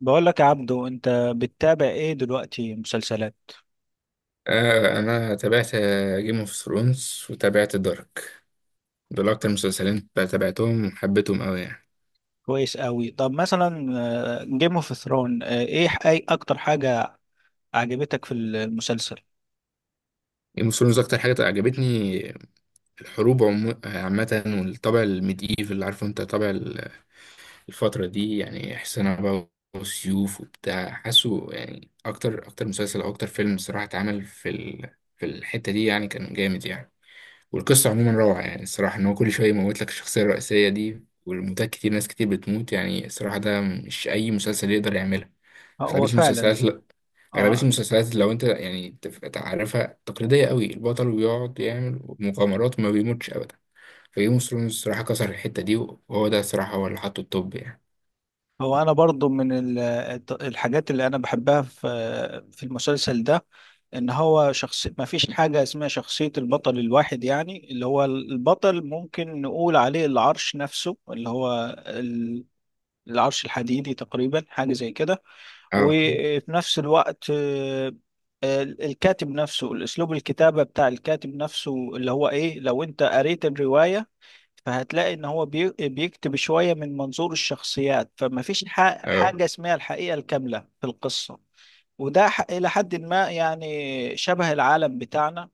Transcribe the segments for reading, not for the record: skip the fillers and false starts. بقول لك يا عبدو، انت بتتابع ايه دلوقتي مسلسلات؟ آه انا تابعت جيم اوف ثرونز وتابعت دارك، دول اكتر مسلسلين تابعتهم وحبيتهم قوي يعني. كويس قوي. طب مثلا جيم اوف ثرون ايه اي اكتر حاجة عجبتك في المسلسل؟ جيم اوف ثرونز اكتر حاجه عجبتني الحروب عامه، والطابع الميديف اللي عارفه انت طابع الفتره دي، يعني حصانه بقى وسيوف وبتاع، حاسه يعني اكتر اكتر مسلسل او اكتر فيلم صراحه اتعمل في الحته دي، يعني كان جامد يعني. والقصة عموما روعة يعني، الصراحة إن هو كل شوية يموت لك الشخصية الرئيسية دي، والموتات كتير، ناس كتير بتموت يعني، الصراحة ده مش أي مسلسل يقدر يعملها. هو أغلبية فعلا. المسلسلات لأ، أغلبية اه. المسلسلات لو أنت يعني تعرفها تقليدية قوي، البطل بيقعد يعمل مغامرات وما بيموتش أبدا. فجيم اوف ثرونز الصراحة كسر الحتة دي، وهو ده الصراحة هو اللي حطه التوب يعني. هو انا برضو من الحاجات اللي انا بحبها في في المسلسل ده، ان هو شخص ما فيش حاجة اسمها شخصية البطل الواحد، يعني اللي هو البطل ممكن نقول عليه العرش نفسه اللي هو العرش الحديدي تقريبا، حاجة زي كده. اه، وفي نفس الوقت الكاتب نفسه، الأسلوب الكتابة بتاع الكاتب نفسه اللي هو إيه، لو أنت قريت الرواية فهتلاقي إن هو بيكتب شوية من منظور الشخصيات، فما فيش اه، حاجة اسمها الحقيقة الكاملة في القصة. وده إلى حد ما يعني شبه العالم بتاعنا.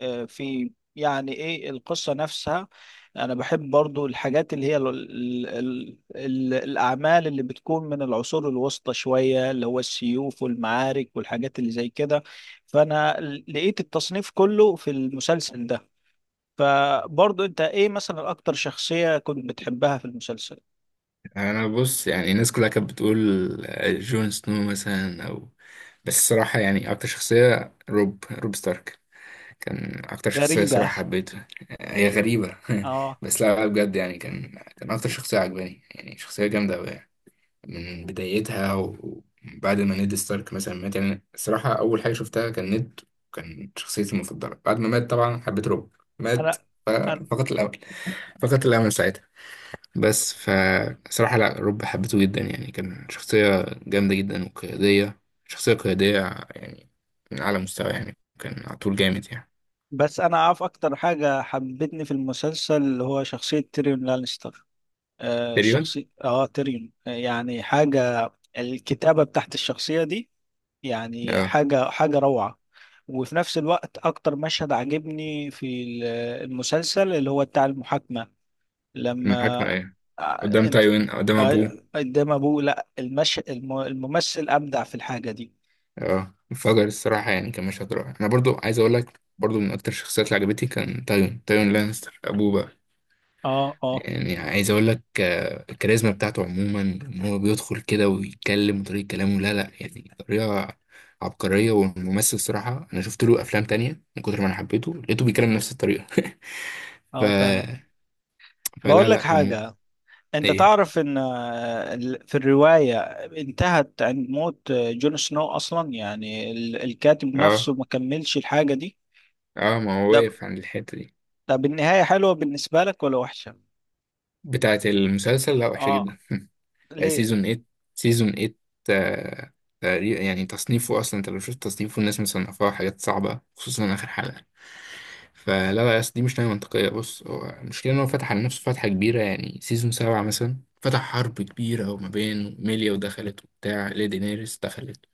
في يعني ايه القصة نفسها. انا بحب برضو الحاجات اللي هي ال ال ال ال الاعمال اللي بتكون من العصور الوسطى شوية، اللي هو السيوف والمعارك والحاجات اللي زي كده. فانا لقيت التصنيف كله في المسلسل ده. فبرضو انت ايه مثلا اكتر شخصية كنت بتحبها في المسلسل؟ أنا بص يعني الناس كلها كانت بتقول جون سنو مثلا أو، بس الصراحة يعني أكتر شخصية روب ستارك كان اكتر شخصية غريبة. صراحة حبيتها. هي غريبة اه. بس لا لا بجد يعني، كان اكتر شخصية عجباني، يعني شخصية جامدة أوي يعني. من بدايتها وبعد ما نيد ستارك مثلا مات، يعني الصراحة أول حاجة شفتها كان نيد، كان شخصيتي المفضلة. بعد ما مات طبعا حبيت روب مات، انا أنا- فقط الأمل فقط الأمل ساعتها. بس فصراحة لا، روب حبيته جدا يعني، كان شخصية جامدة جدا وقيادية، شخصية قيادية يعني، من أعلى مستوى يعني، كان على طول جامد يعني. بس انا عارف اكتر حاجة حبتني في المسلسل اللي هو شخصية تيريون لانستر. آه تقريبا. الشخصي اه تريون، يعني حاجة، الكتابة بتاعت الشخصية دي يعني آه. حاجة حاجة روعة. وفي نفس الوقت أكتر مشهد عجبني في المسلسل اللي هو بتاع المحاكمة، لما المحاكمة ايه؟ آه، قدام انت تايوين قدام ابوه؟ آه، قدام أبوه. لا الممثل أبدع في الحاجة دي. اه انفجر الصراحة، يعني كان مشهد رائع. انا برضو عايز اقول لك، برضو من اكتر الشخصيات اللي عجبتني كان تايوين تايوين لانستر ابوه بقى، اه اه. يعني عايز اقول لك، الكاريزما بتاعته عموما ان هو بيدخل كده ويتكلم وطريقة كلامه، لا لا يعني طريقة عبقرية. والممثل صراحة انا شفت له افلام تانية، من كتر ما انا حبيته لقيته بيتكلم نفس الطريقة. ف... اه فعلا. فلا بقول لك لا حاجة، انت ايه؟ تعرف ان في الرواية انتهت عند موت جون سنو اصلا، يعني الكاتب اه، نفسه ما كملش الحاجة دي. اه، ما هو ده واقف عند الحتة دي. طب النهاية حلوة بالنسبة لك ولا وحشة؟ بتاعت المسلسل، لا وحشة اه. جدا. ليه؟ سيزون 8، سيزون 8، آه، تقريبا يعني، تصنيفه اصلا انت لو شفت تصنيفه الناس مصنفاه حاجات صعبه، خصوصا اخر حلقه. فلا لا، أصل دي مش نهايه منطقيه، بص هو المشكله ان هو فتح على نفسه فتحه كبيره يعني، سيزون 7 مثلا فتح حرب كبيره، وما بين ميليا ودخلت وبتاع ليدي نيرس دخلت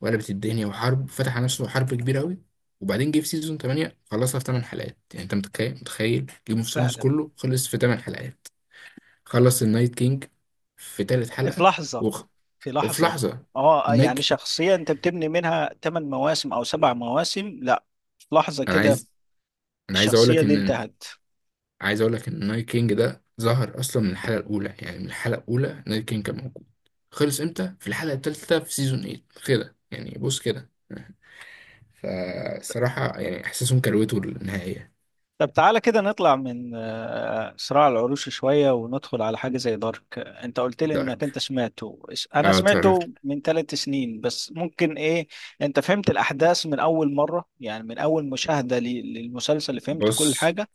وقلبت الدنيا وحرب، فتح على نفسه حرب كبيره قوي. وبعدين جه في سيزون 8 خلصها في 8 حلقات، يعني انت متخيل، جيم اوف ثرونز فعلا. كله خلص في 8 حلقات. خلص النايت كينج في تالت في حلقة، لحظة. وخ... في وفي لحظة. لحظة. اه النايت يعني كي- شخصية انت بتبني منها 8 مواسم او سبع مواسم، لا في لحظة أنا كده عايز أنا عايز أقول الشخصية لك دي إن انتهت. عايز أقول لك إن النايت كينج ده ظهر أصلا من الحلقة الأولى، يعني من الحلقة الأولى النايت كينج كان موجود. خلص إمتى؟ في الحلقة التالتة في سيزون 8 كده يعني، بص كده، فصراحة يعني إحساسهم كروته النهائية. طب تعالى كده نطلع من صراع العروش شوية وندخل على حاجة زي دارك. انت قلت لي انك انت دارك، انا أه اتفرجت. سمعته من ثلاث سنين، بس ممكن ايه، انت فهمت الاحداث من اول مرة يعني من اول مشاهدة للمسلسل، فهمت كل بص حاجة؟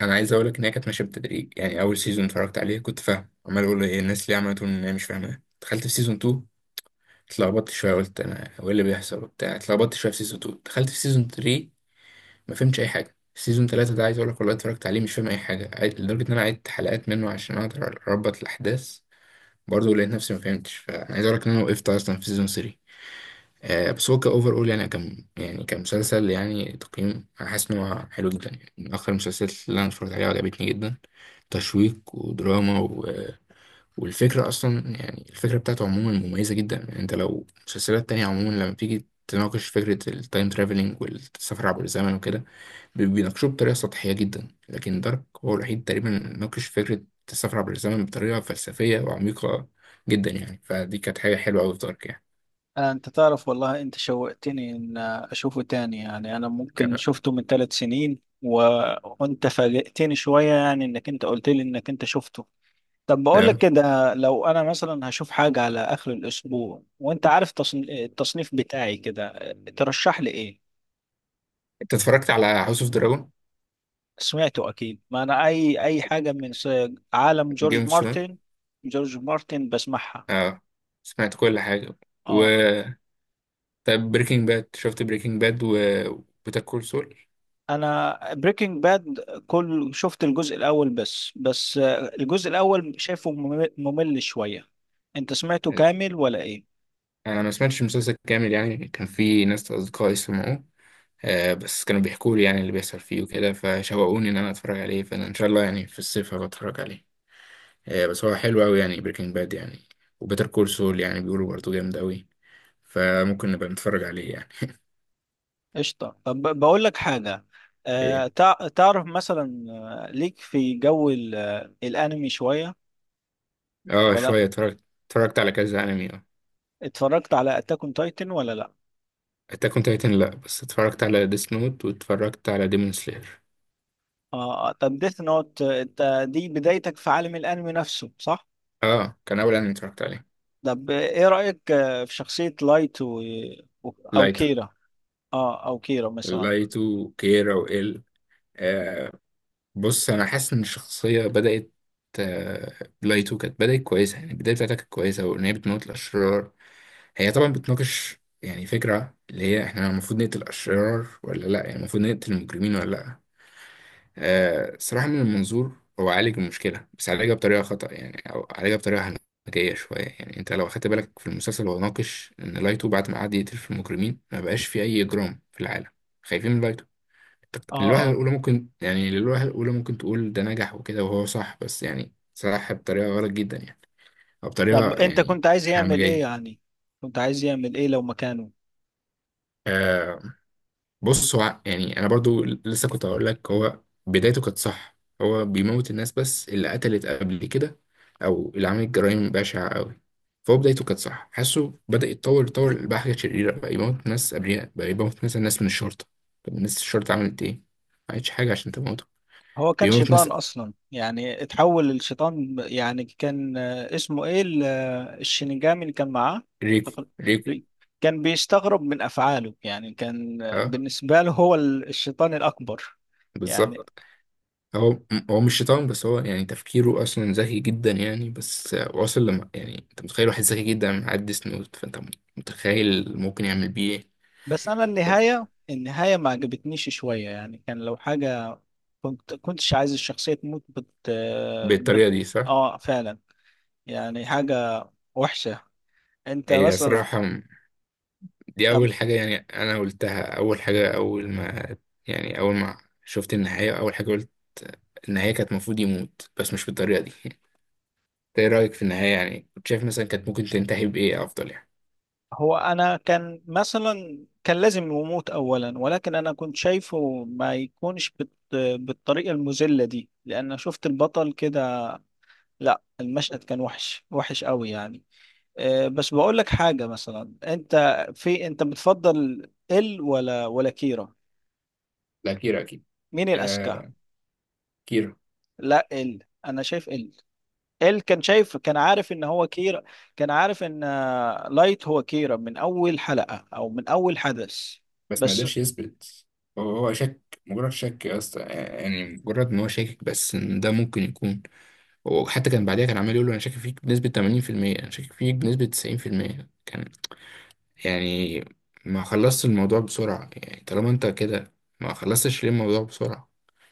أنا عايز أقول لك إن هي كانت ماشية بالتدريج، يعني أول سيزون اتفرجت عليه كنت فاهم، عمال أقول إيه الناس ليه عملته إن هي مش فاهمة، دخلت في سيزون 2 اتلخبطت شويه، قلت انا هو ايه اللي بيحصل وبتاع، اتلخبطت شويه في سيزون 2، دخلت في سيزون 3 ما فهمتش اي حاجه. سيزون 3 ده عايز اقول لك والله اتفرجت عليه مش فاهم اي حاجه، لدرجه ان انا عدت حلقات منه عشان اقدر اربط الاحداث، برضه لقيت نفسي ما فهمتش، فانا عايز اقول لك ان انا وقفت اصلا في سيزون 3. بس هو كاوفر اول يعني، كان يعني كمسلسل يعني تقييم، انا حاسس ان هو حلو جدا يعني، من اخر المسلسلات اللي انا اتفرجت عليها وعجبتني جدا، تشويق ودراما. والفكرة أصلا يعني الفكرة بتاعته عموما مميزة جدا يعني، أنت لو مسلسلات تانية عموما لما بتيجي تناقش فكرة التايم ترافلينج والسفر عبر الزمن وكده بيناقشوه بطريقة سطحية جدا، لكن دارك هو الوحيد تقريبا اللي ناقش فكرة السفر عبر الزمن بطريقة فلسفية وعميقة جدا يعني، فدي كانت حاجة حلوة أوي في دارك يعني. انت تعرف والله انت شوقتني ان اشوفه تاني، يعني انا ممكن ك- شفته من ثلاث سنين و... وانت فاجئتني شوية يعني انك انت قلت لي انك انت شفته. طب بقول لك آه. كده، لو انا مثلا هشوف حاجة على اخر الاسبوع وانت عارف التصنيف بتاعي كده، ترشح لي ايه؟ أنت اتفرجت على هاوس أوف دراجون؟ سمعته اكيد، ما انا اي حاجة من عالم جيم جورج اوف ثرونز. مارتن، جورج مارتن بسمعها. اه سمعت كل حاجة، و اه. طب بريكنج باد، شفت بريكنج باد و بيتر كول سول؟ انا بريكنج باد كل شفت الجزء الاول بس، الجزء الاول شايفه ممل شوية. انت سمعته كامل ولا ايه؟ انا ما سمعتش المسلسل كامل يعني، كان في ناس اصدقائي سمعوه، بس كانوا بيحكوا لي يعني اللي بيحصل فيه وكده، فشوقوني ان انا اتفرج عليه، فانا ان شاء الله يعني في الصيف هبقى اتفرج عليه. بس هو حلو قوي يعني بريكنج باد يعني، وبيتر كول سول يعني بيقولوا برضه جامد قوي، فممكن نبقى نتفرج عليه يعني. قشطة. طب بقول لك حاجة، آه ايه؟ تعرف مثلا ليك في جو الأنمي شوية؟ اه ولا شويه، اتفرجت على كذا انمي، اه. اتفرجت على أتاك أون تايتن ولا لأ؟ اتاك اون تايتن لا، بس اتفرجت على ديس نوت واتفرجت على ديمون سلاير. آه طب ديث نوت انت دي بدايتك في عالم الأنمي نفسه صح؟ اه كان اول انمي اتفرجت عليه. طب إيه رأيك في شخصية لايت و... و- أو لايتو. كيرا؟ آه أو كيرا مثلا. كيرا وال، بص انا حاسس ان الشخصيه بدات، آه، لايتو كانت بدات كويسه، يعني البدايه بتاعتها كانت كويسه، وان هي بتموت الاشرار. هي طبعا بتناقش يعني فكره اللي هي احنا المفروض نقتل الاشرار ولا لا، يعني المفروض نقتل المجرمين ولا لا. صراحه من المنظور هو عالج المشكله، بس عالجها بطريقه خطا، يعني او عالجها بطريقه هنجيه شويه. يعني انت لو اخدت بالك في المسلسل هو ناقش ان لايتو بعد ما قعد يقتل في المجرمين ما بقاش في اي اجرام في العالم، خايفين من لايتو. آه للوهلة آه. الأولى ممكن يعني، للوهلة الأولى ممكن تقول ده نجح وكده وهو صح، بس يعني صح بطريقة غلط جدا يعني، أو بطريقة طب أنت يعني كنت عايز يعمل إيه همجية. يعني؟ كنت عايز يعمل إيه لو مكانه؟ آه بص هو يعني، أنا برضو لسه كنت هقول لك، هو بدايته كانت صح هو بيموت الناس بس اللي قتلت قبل كده، أو اللي عملت جرائم بشعة أوي. فهو بدايته كانت صح، حاسه بدأ يتطور يتطور، بقى حاجة شريرة، بقى يموت ناس أبرياء، بقى يموت مثلا ناس من الشرطة. طب ناس الشرطة عملت إيه؟ ما عملتش حاجة عشان تموته. هو كان بيموت ناس. شيطان اصلا، يعني اتحول للشيطان يعني كان اسمه ايه الشينيجامي اللي كان معاه ريكو، ريكو، كان بيستغرب من افعاله، يعني كان اه بالنسبه له هو الشيطان الاكبر يعني. بالظبط. هو هو مش شيطان، بس هو يعني تفكيره اصلا ذكي جدا يعني، بس واصل، لما يعني انت متخيل واحد ذكي جدا معدي سنوت، فانت متخيل ممكن يعمل بيه ايه. بس انا ف- النهايه، ما عجبتنيش شويه، يعني كان لو حاجه كنتش عايز الشخصيه تموت بت بالطريقه بت. دي صح. اه فعلا. يعني حاجه وحشه. انت هي مثلا صراحه دي طب اول حاجه يعني، انا قلتها اول حاجه، اول ما شفت النهايه اول حاجه قلت، النهايه كانت المفروض يموت بس مش بالطريقه دي. انت ايه رايك في النهايه يعني، كنت شايف مثلا كانت ممكن تنتهي بايه افضل يعني؟ هو انا كان مثلا كان لازم يموت اولا، ولكن انا كنت شايفه ما يكونش بت... بالطريقه المذله دي، لان شفت البطل كده. لا المشهد كان وحش قوي يعني. أه بس بقول لك حاجه مثلا، انت في انت بتفضل ال ولا كيرا؟ لا، كيرا اكيد. مين الاذكى؟ آه، كيرا. لا ال، انا شايف ال، ال كان شايف، كان عارف ان هو كيرا، كان عارف ان لايت هو كيرا من اول حلقه او من اول حدث. بس ما بس قدرش يثبت، هو هو شك، مجرد شك يا اسطى، يعني مجرد ان هو شاكك بس ان ده ممكن يكون. هو حتى كان بعديها كان عمال يقول له انا شاكك فيك بنسبة 80%، انا شاكك فيك بنسبة 90% كان يعني. ما خلصت الموضوع بسرعة يعني، طالما انت كده ما خلصتش ليه الموضوع بسرعة؟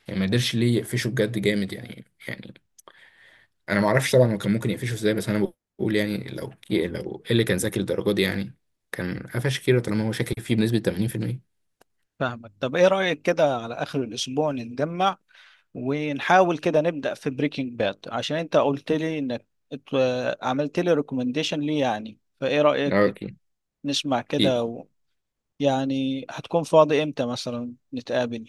يعني ما قدرش ليه يقفشه بجد جامد يعني. انا ما اعرفش طبعا هو كان ممكن يقفشه ازاي، بس انا بقول يعني، لو إيه اللي كان ذكي للدرجة دي يعني، كان قفش كيرا طالما هو شاكك فيه بنسبة 80%. فاهمك. طب ايه رأيك كده على اخر الاسبوع نتجمع ونحاول كده نبدأ في بريكنج باد، عشان انت قلت لي انك عملت لي ريكومنديشن ليه يعني، فايه اه رأيك اوكي. نسمع كده و... يعني هتكون فاضي امتى مثلا نتقابل؟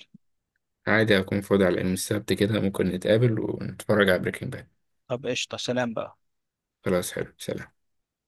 عادي أكون فاضي على يوم السبت كده، ممكن نتقابل ونتفرج على بريكنج باد. طب قشطة، سلام بقى. خلاص حلو، سلام.